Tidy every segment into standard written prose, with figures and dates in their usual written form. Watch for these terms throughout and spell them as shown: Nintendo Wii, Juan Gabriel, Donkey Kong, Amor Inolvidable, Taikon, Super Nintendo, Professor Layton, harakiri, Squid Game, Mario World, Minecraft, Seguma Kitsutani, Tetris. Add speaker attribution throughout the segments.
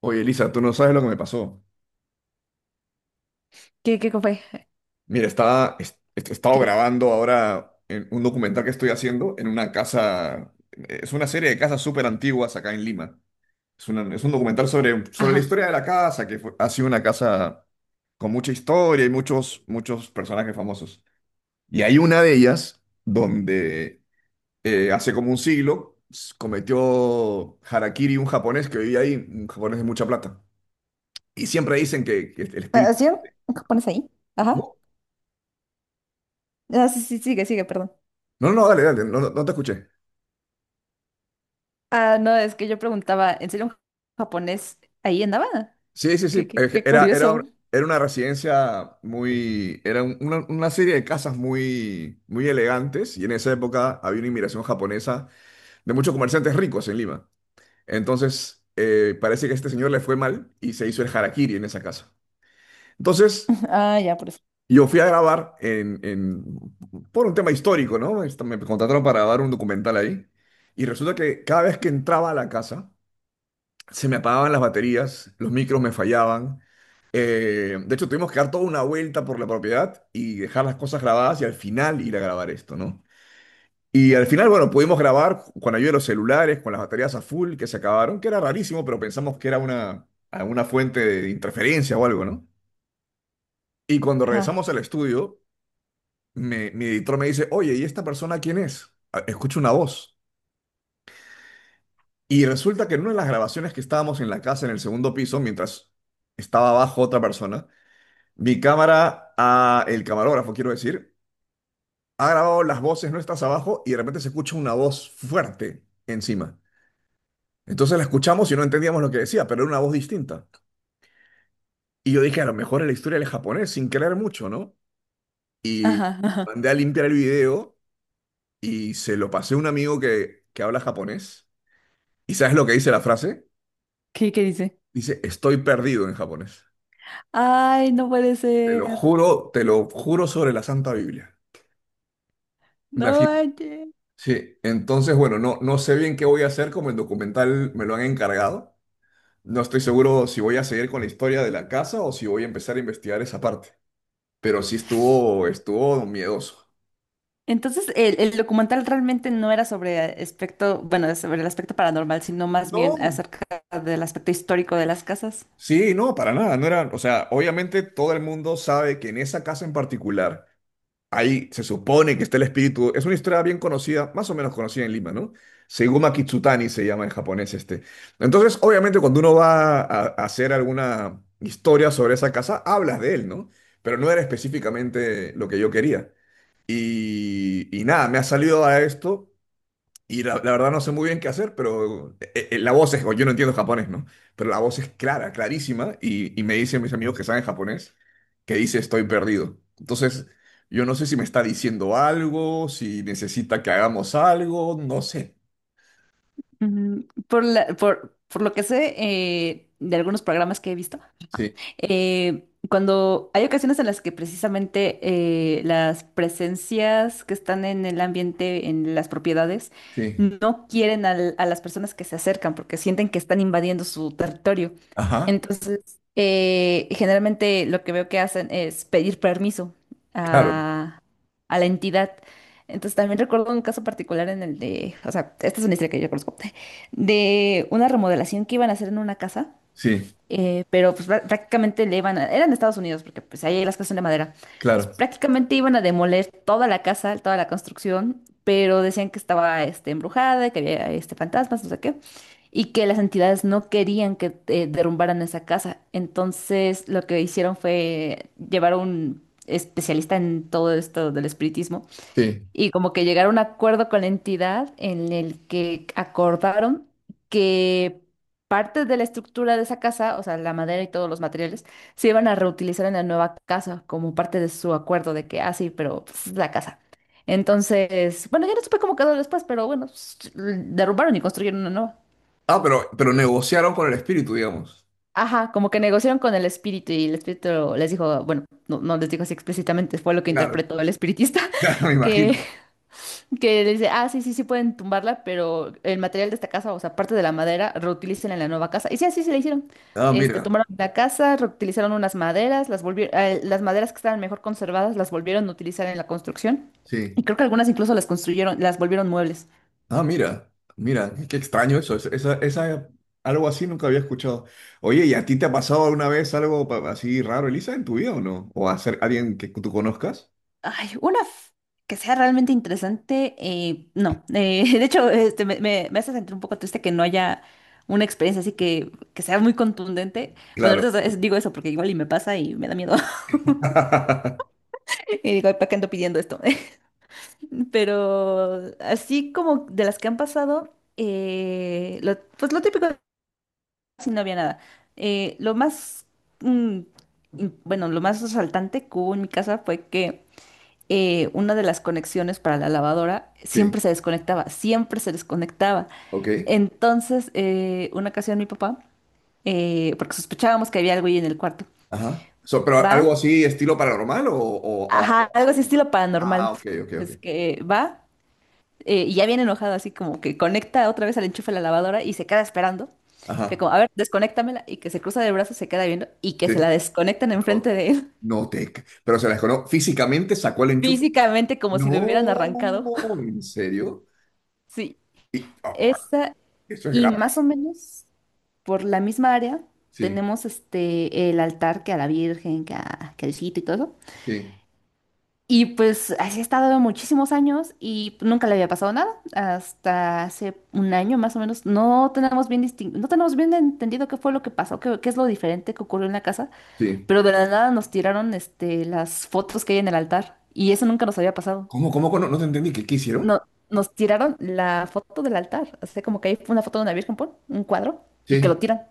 Speaker 1: Oye, Elisa, tú no sabes lo que me pasó.
Speaker 2: ¿Qué, qué fue?
Speaker 1: Mira, he estado
Speaker 2: ¿Qué?
Speaker 1: grabando ahora en un documental que estoy haciendo en una casa, es una serie de casas súper antiguas acá en Lima. Es un documental sobre la
Speaker 2: Ajá.
Speaker 1: historia de la casa, ha sido una casa con mucha historia y muchos personajes famosos. Y hay una de ellas donde hace como un siglo cometió harakiri un japonés que vivía ahí, un japonés de mucha plata. Y siempre dicen que el espíritu.
Speaker 2: ¿Así? ¿Qué pones ahí? Ajá.
Speaker 1: ¿Cómo?
Speaker 2: Ah, sí, sí, sigue, sigue, perdón.
Speaker 1: No, no, dale, dale, no, no, no te escuché.
Speaker 2: Ah, no, es que yo preguntaba, ¿en serio un japonés ahí andaba?
Speaker 1: Sí, sí,
Speaker 2: Qué,
Speaker 1: sí,
Speaker 2: qué,
Speaker 1: es que
Speaker 2: qué
Speaker 1: era, era,
Speaker 2: curioso.
Speaker 1: era una residencia muy, era un- una serie de casas muy, muy elegantes y en esa época había una inmigración japonesa de muchos comerciantes ricos en Lima. Entonces, parece que a este señor le fue mal y se hizo el harakiri en esa casa. Entonces,
Speaker 2: Ah, ya, por eso.
Speaker 1: yo fui a grabar por un tema histórico, ¿no? Me contrataron para grabar un documental ahí y resulta que cada vez que entraba a la casa, se me apagaban las baterías, los micros me fallaban. De hecho, tuvimos que dar toda una vuelta por la propiedad y dejar las cosas grabadas y al final ir a grabar esto, ¿no? Y al final, bueno, pudimos grabar con ayuda de los celulares, con las baterías a full que se acabaron, que era rarísimo, pero pensamos que era alguna fuente de interferencia o algo, ¿no? Y cuando
Speaker 2: Ajá.
Speaker 1: regresamos al estudio, mi editor me dice, oye, ¿y esta persona quién es? "Ah, Escucho una voz." Y resulta que en una de las grabaciones que estábamos en la casa, en el segundo piso, mientras estaba abajo otra persona, mi cámara, a el camarógrafo, quiero decir, ha grabado las voces nuestras abajo y de repente se escucha una voz fuerte encima. Entonces la escuchamos y no entendíamos lo que decía, pero era una voz distinta. Y yo dije, a lo mejor es la historia del japonés, sin creer mucho, ¿no? Y
Speaker 2: Ajá, ajá.
Speaker 1: mandé a limpiar el video y se lo pasé a un amigo que habla japonés. ¿Y sabes lo que dice la frase?
Speaker 2: ¿Qué, qué dice?
Speaker 1: Dice, estoy perdido en japonés.
Speaker 2: Ay, no puede ser.
Speaker 1: Te lo juro sobre la Santa Biblia.
Speaker 2: No
Speaker 1: Imagínate.
Speaker 2: manches.
Speaker 1: Sí, entonces, bueno, no, no sé bien qué voy a hacer, como el documental me lo han encargado. No estoy seguro si voy a seguir con la historia de la casa o si voy a empezar a investigar esa parte. Pero sí estuvo miedoso.
Speaker 2: Entonces, el documental realmente no era sobre aspecto, bueno, sobre el aspecto paranormal, sino más bien
Speaker 1: No.
Speaker 2: acerca del aspecto histórico de las casas.
Speaker 1: Sí, no, para nada. No era, o sea, obviamente todo el mundo sabe que en esa casa en particular, ahí se supone que está el espíritu. Es una historia bien conocida, más o menos conocida en Lima, ¿no? Seguma Kitsutani se llama en japonés este. Entonces, obviamente, cuando uno va a hacer alguna historia sobre esa casa, hablas de él, ¿no? Pero no era específicamente lo que yo quería. Y nada, me ha salido a esto y la verdad no sé muy bien qué hacer, pero la voz es, o yo no entiendo japonés, ¿no? Pero la voz es clara, clarísima y me dicen mis amigos que saben japonés que dice estoy perdido. Entonces, yo no sé si me está diciendo algo, si necesita que hagamos algo, no sé.
Speaker 2: Ujú. Por lo que sé de algunos programas que he visto,
Speaker 1: Sí,
Speaker 2: cuando hay ocasiones en las que precisamente las presencias que están en el ambiente, en las propiedades,
Speaker 1: sí.
Speaker 2: no quieren a las personas que se acercan porque sienten que están invadiendo su territorio.
Speaker 1: Ajá,
Speaker 2: Entonces, generalmente lo que veo que hacen es pedir permiso
Speaker 1: claro,
Speaker 2: a, a la entidad. Entonces, también recuerdo un caso particular en el de, o sea, esta es una historia que yo conozco, de una remodelación que iban a hacer en una casa
Speaker 1: sí,
Speaker 2: pero pues prácticamente le iban a, eran de Estados Unidos, porque pues ahí las casas son de madera. Entonces
Speaker 1: claro,
Speaker 2: prácticamente iban a demoler toda la casa, toda la construcción, pero decían que estaba este, embrujada, que había este, fantasmas, no sé qué, y que las entidades no querían que derrumbaran esa casa. Entonces lo que hicieron fue llevar a un especialista en todo esto del espiritismo
Speaker 1: sí.
Speaker 2: y como que llegaron a un acuerdo con la entidad en el que acordaron que partes de la estructura de esa casa, o sea, la madera y todos los materiales, se iban a reutilizar en la nueva casa como parte de su acuerdo de que, ah, sí, pero pues, es la casa. Entonces, bueno, ya no supe cómo quedó después, pero bueno, pues, derrumbaron y construyeron una nueva.
Speaker 1: Ah, pero, negociaron con el espíritu, digamos.
Speaker 2: Ajá, como que negociaron con el espíritu y el espíritu les dijo, bueno, no, no les dijo así explícitamente, fue lo que
Speaker 1: Claro,
Speaker 2: interpretó el espiritista,
Speaker 1: me
Speaker 2: que
Speaker 1: imagino.
Speaker 2: Que le dice, ah, sí, sí, sí pueden tumbarla, pero el material de esta casa, o sea, parte de la madera, reutilicen en la nueva casa. Y sí, así se le hicieron.
Speaker 1: Ah,
Speaker 2: Este,
Speaker 1: mira,
Speaker 2: tomaron la casa, reutilizaron unas maderas, las volvieron, las maderas que estaban mejor conservadas, las volvieron a utilizar en la construcción.
Speaker 1: sí.
Speaker 2: Y creo que algunas incluso las construyeron, las volvieron muebles.
Speaker 1: Ah, mira, mira, qué extraño eso. Algo así nunca había escuchado. Oye, ¿y a ti te ha pasado alguna vez algo así raro, Elisa, en tu vida o no? ¿O a ser alguien que tú conozcas?
Speaker 2: Ay, que sea realmente interesante, no. De hecho, este, me hace sentir un poco triste que no haya una experiencia así que sea muy contundente. Bueno,
Speaker 1: Claro.
Speaker 2: ahorita digo eso porque igual y me pasa y me da miedo. Y digo, ¿para qué ando pidiendo esto? Pero así como de las que han pasado, pues lo típico, si no había nada. Lo más, mm, bueno, lo más resaltante que hubo en mi casa fue que una de las conexiones para la lavadora
Speaker 1: Sí,
Speaker 2: siempre se desconectaba, siempre se desconectaba.
Speaker 1: ok.
Speaker 2: Entonces, una ocasión mi papá, porque sospechábamos que había algo ahí en el cuarto,
Speaker 1: Ajá. So, pero
Speaker 2: va,
Speaker 1: algo así, estilo paranormal o,
Speaker 2: ajá, algo así estilo paranormal,
Speaker 1: Ah, ok, ok, ok.
Speaker 2: pues que va. Y ya viene enojado, así como que conecta otra vez al enchufe de la lavadora y se queda esperando. Que
Speaker 1: Ajá.
Speaker 2: como, a ver, desconéctamela y que se cruza de brazos, se queda viendo y que
Speaker 1: Sí.
Speaker 2: se la desconectan enfrente
Speaker 1: No,
Speaker 2: de él,
Speaker 1: no te. Pero físicamente sacó el enchufe.
Speaker 2: físicamente como si lo
Speaker 1: No,
Speaker 2: hubieran arrancado.
Speaker 1: ¿en serio?
Speaker 2: Sí,
Speaker 1: Oh, oh,
Speaker 2: esa
Speaker 1: eso es
Speaker 2: y
Speaker 1: grave.
Speaker 2: más o menos por la misma área
Speaker 1: Sí,
Speaker 2: tenemos este el altar que a la Virgen, que a, que al Cito y todo eso.
Speaker 1: sí,
Speaker 2: Y pues así he estado muchísimos años y nunca le había pasado nada. Hasta hace un año más o menos. No tenemos no tenemos bien entendido qué fue lo que pasó, qué, qué es lo diferente que ocurrió en la casa,
Speaker 1: sí.
Speaker 2: pero de la nada nos tiraron este, las fotos que hay en el altar. Y eso nunca nos había pasado.
Speaker 1: ¿Cómo? No te entendí. ¿Qué hicieron?
Speaker 2: No, nos tiraron la foto del altar. O sea, como que hay una foto de una virgen, pon, un cuadro, y que lo
Speaker 1: Sí.
Speaker 2: tiran.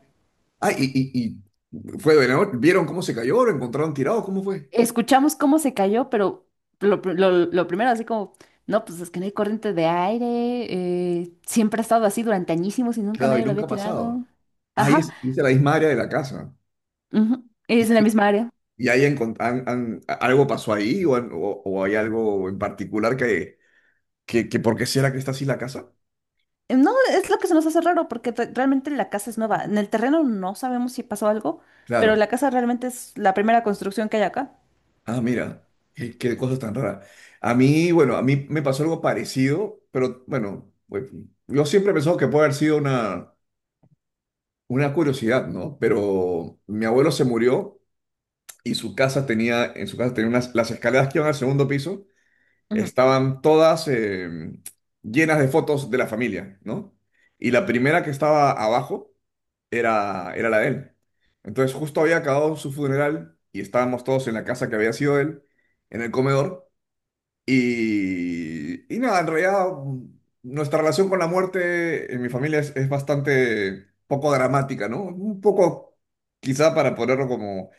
Speaker 1: Ah, y fue de ¿vieron cómo se cayó? ¿Lo encontraron tirado? ¿Cómo fue?
Speaker 2: Escuchamos cómo se cayó, pero lo primero, así como, no, pues es que no hay corriente de aire, siempre ha estado así durante añísimos y nunca
Speaker 1: Claro, y
Speaker 2: nadie lo había
Speaker 1: nunca ha pasado.
Speaker 2: tirado.
Speaker 1: Ahí
Speaker 2: Ajá,
Speaker 1: es, y es de la misma área de la casa.
Speaker 2: ujú,
Speaker 1: Y
Speaker 2: es en la
Speaker 1: ahí,
Speaker 2: misma área.
Speaker 1: y ahí algo pasó ahí o, o hay algo en particular que, ¿por qué será que está así la casa?
Speaker 2: No, es lo que se nos hace raro, porque realmente la casa es nueva. En el terreno no sabemos si pasó algo, pero
Speaker 1: Claro.
Speaker 2: la casa realmente es la primera construcción que hay acá.
Speaker 1: Ah, mira, qué cosa tan rara. A mí me pasó algo parecido, pero bueno, pues, yo siempre he pensado que puede haber sido una curiosidad, ¿no? Pero mi abuelo se murió y su casa tenía, en su casa tenía las escaleras que iban al segundo piso,
Speaker 2: Ujú,
Speaker 1: estaban todas llenas de fotos de la familia, ¿no? Y la primera que estaba abajo era la de él. Entonces justo había acabado su funeral y estábamos todos en la casa que había sido él, en el comedor. Y nada, en realidad nuestra relación con la muerte en mi familia es bastante poco dramática, ¿no? Un poco, quizá para ponerlo como,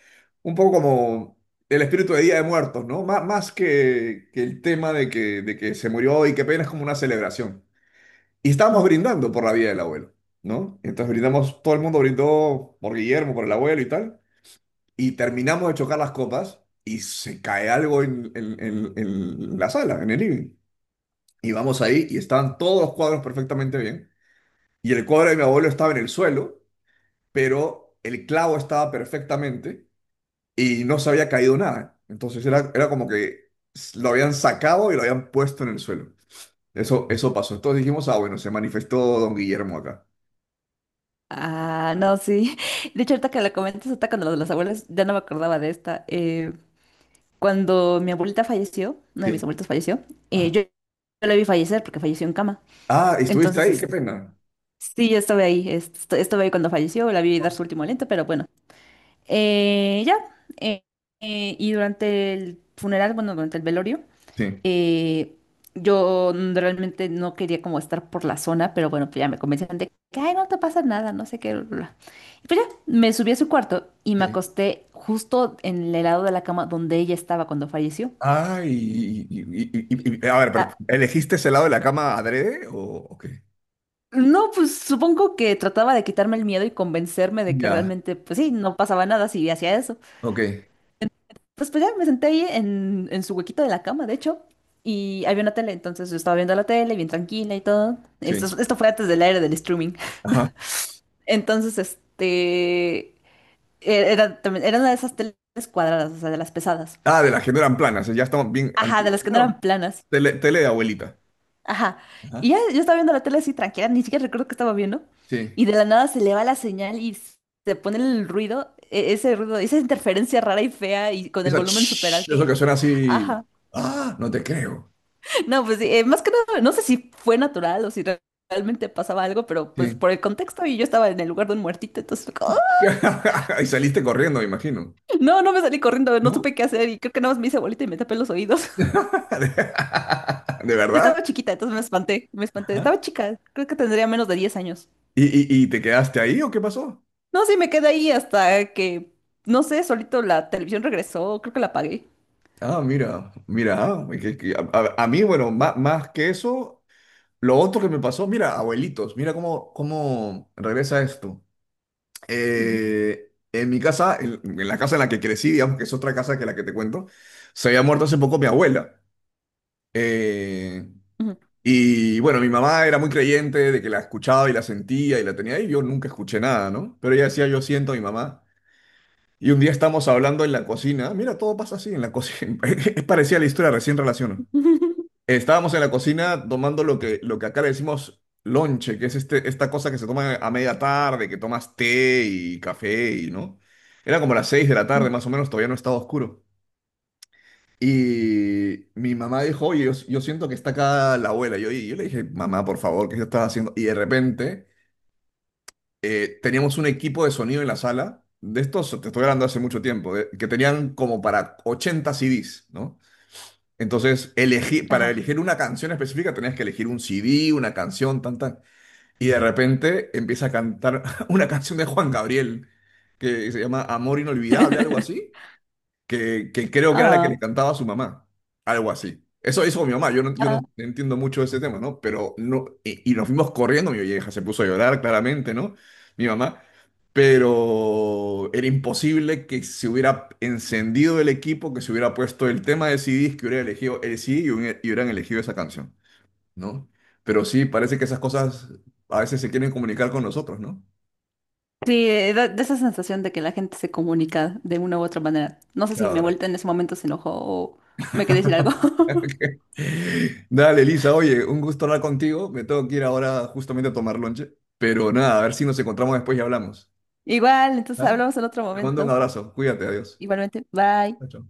Speaker 1: un poco como el espíritu de Día de Muertos, ¿no? Más que el tema de que se murió y qué pena es como una celebración. Y estábamos
Speaker 2: ujú.
Speaker 1: brindando por la vida del abuelo, ¿no? Entonces brindamos, todo el mundo brindó por Guillermo, por el abuelo y tal, y terminamos de chocar las copas y se cae algo en, en la sala, en el living. Y vamos ahí y estaban todos los cuadros perfectamente bien. Y el cuadro de mi abuelo estaba en el suelo, pero el clavo estaba perfectamente y no se había caído nada. Entonces era como que lo habían sacado y lo habían puesto en el suelo. Eso pasó. Entonces dijimos, ah, bueno, se manifestó don Guillermo acá.
Speaker 2: Ah, no, sí. De hecho, ahorita que la comentas, hasta cuando lo de las abuelas, ya no me acordaba de esta. Cuando mi abuelita falleció, uno de mis
Speaker 1: Sí.
Speaker 2: abuelitos falleció,
Speaker 1: Ajá.
Speaker 2: yo la vi fallecer porque falleció en cama.
Speaker 1: Ah, estuviste
Speaker 2: Entonces,
Speaker 1: ahí, qué
Speaker 2: este,
Speaker 1: pena.
Speaker 2: sí, yo estuve ahí, estuve ahí cuando falleció, la vi dar su último aliento, pero bueno. Eh, ya, eh, y durante el funeral, bueno, durante el velorio,
Speaker 1: Sí.
Speaker 2: eh, yo realmente no quería como estar por la zona, pero bueno, pues ya me convencieron de que, ay, no te pasa nada, no sé qué, bla, bla, bla". Y pues ya, me subí a su cuarto y me
Speaker 1: Sí.
Speaker 2: acosté justo en el lado de la cama donde ella estaba cuando falleció.
Speaker 1: Ah, A ver, pero,
Speaker 2: Ah,
Speaker 1: ¿elegiste ese lado de la cama adrede o qué?
Speaker 2: no, pues supongo que trataba de quitarme el miedo y convencerme de que
Speaker 1: Ya,
Speaker 2: realmente, pues sí, no pasaba nada si hacía eso.
Speaker 1: ok,
Speaker 2: Pues ya me senté ahí en su huequito de la cama, de hecho, y había una tele, entonces yo estaba viendo la tele bien tranquila y todo. Esto,
Speaker 1: sí.
Speaker 2: esto fue antes del aire del streaming. Entonces, este, era una de esas teles cuadradas, o sea, de las pesadas.
Speaker 1: Ah, de las que no eran planas, ya estaban bien
Speaker 2: Ajá, de
Speaker 1: antiguas.
Speaker 2: las que no
Speaker 1: Bueno,
Speaker 2: eran planas.
Speaker 1: tele, tele de abuelita.
Speaker 2: Ajá. Y
Speaker 1: Ajá.
Speaker 2: ya yo estaba viendo la tele así tranquila, ni siquiera recuerdo que estaba viendo.
Speaker 1: Sí.
Speaker 2: Y de la nada se le va la señal y se pone el ruido, ese ruido, esa interferencia rara y fea y con el volumen súper
Speaker 1: Eso
Speaker 2: alto.
Speaker 1: que suena así.
Speaker 2: Ajá.
Speaker 1: Ah, no te creo.
Speaker 2: No, pues sí, más que nada, no sé si fue natural o si realmente pasaba algo, pero pues
Speaker 1: Sí.
Speaker 2: por el contexto y yo estaba en el lugar de un muertito, entonces fue como, ¡ah!
Speaker 1: Y saliste corriendo, me imagino.
Speaker 2: No, no me salí corriendo, no
Speaker 1: ¿No?
Speaker 2: supe qué hacer y creo que nada más me hice bolita y me tapé los oídos.
Speaker 1: ¿De verdad?
Speaker 2: Estaba chiquita, entonces me espanté, me espanté.
Speaker 1: Ajá.
Speaker 2: Estaba chica, creo que tendría menos de 10 años.
Speaker 1: ¿Y, y te quedaste ahí o qué pasó?
Speaker 2: No, sí, me quedé ahí hasta que, no sé, solito la televisión regresó, creo que la apagué.
Speaker 1: Ah, mira, mira, ah, a mí, bueno, más que eso, lo otro que me pasó, mira, abuelitos, mira cómo regresa esto.
Speaker 2: Ujú,
Speaker 1: En mi casa, en la casa en la que crecí, digamos que es otra casa que la que te cuento, se había muerto hace poco mi abuela. Eh,
Speaker 2: ujú,
Speaker 1: y bueno, mi mamá era muy creyente de que la escuchaba y la sentía y la tenía ahí. Yo nunca escuché nada, ¿no? Pero ella decía, yo siento a mi mamá. Y un día estamos hablando en la cocina. Mira, todo pasa así en la cocina. Es parecida a la historia, recién relaciono.
Speaker 2: ujú,
Speaker 1: Estábamos en la cocina tomando lo que acá le decimos lonche, que es este, esta cosa que se toma a media tarde, que tomas té y café y, ¿no? Era como las 6 de la tarde,
Speaker 2: ujú,
Speaker 1: más o menos, todavía no estaba oscuro. Y mi mamá dijo, oye, yo siento que está acá la abuela. Y yo le dije, mamá, por favor, ¿qué yo estaba haciendo? Y de repente teníamos un equipo de sonido en la sala, de estos, te estoy hablando hace mucho tiempo, que tenían como para 80 CDs, ¿no? Entonces, elegí, para
Speaker 2: ajá.
Speaker 1: elegir una canción específica tenías que elegir un CD, una canción, tan, tan. Y de repente empieza a cantar una canción de Juan Gabriel que se llama Amor Inolvidable, algo así que creo que era la que le
Speaker 2: Ah,
Speaker 1: cantaba a su mamá, algo así. Eso hizo mi mamá, yo no
Speaker 2: ah.
Speaker 1: entiendo mucho de ese tema, ¿no? Pero no, y nos fuimos corriendo, mi vieja se puso a llorar claramente, ¿no? Mi mamá, pero era imposible que se hubiera encendido el equipo, que se hubiera puesto el tema de CDs, que hubiera elegido el CD y, y hubieran elegido esa canción, ¿no? Pero sí, parece que esas cosas a veces se quieren comunicar con nosotros, ¿no?
Speaker 2: Sí, da esa sensación de que la gente se comunica de una u otra manera. No sé si mi
Speaker 1: Claro.
Speaker 2: abuelita en ese momento se enojó o me quería decir algo.
Speaker 1: Dale, Elisa, oye, un gusto hablar contigo. Me tengo que ir ahora justamente a tomar lonche. Pero nada, a ver si nos encontramos después y hablamos.
Speaker 2: Igual, entonces
Speaker 1: ¿Ah?
Speaker 2: hablamos en otro
Speaker 1: Te mando un
Speaker 2: momento.
Speaker 1: abrazo. Cuídate, adiós.
Speaker 2: Igualmente, bye.
Speaker 1: Chao, chao.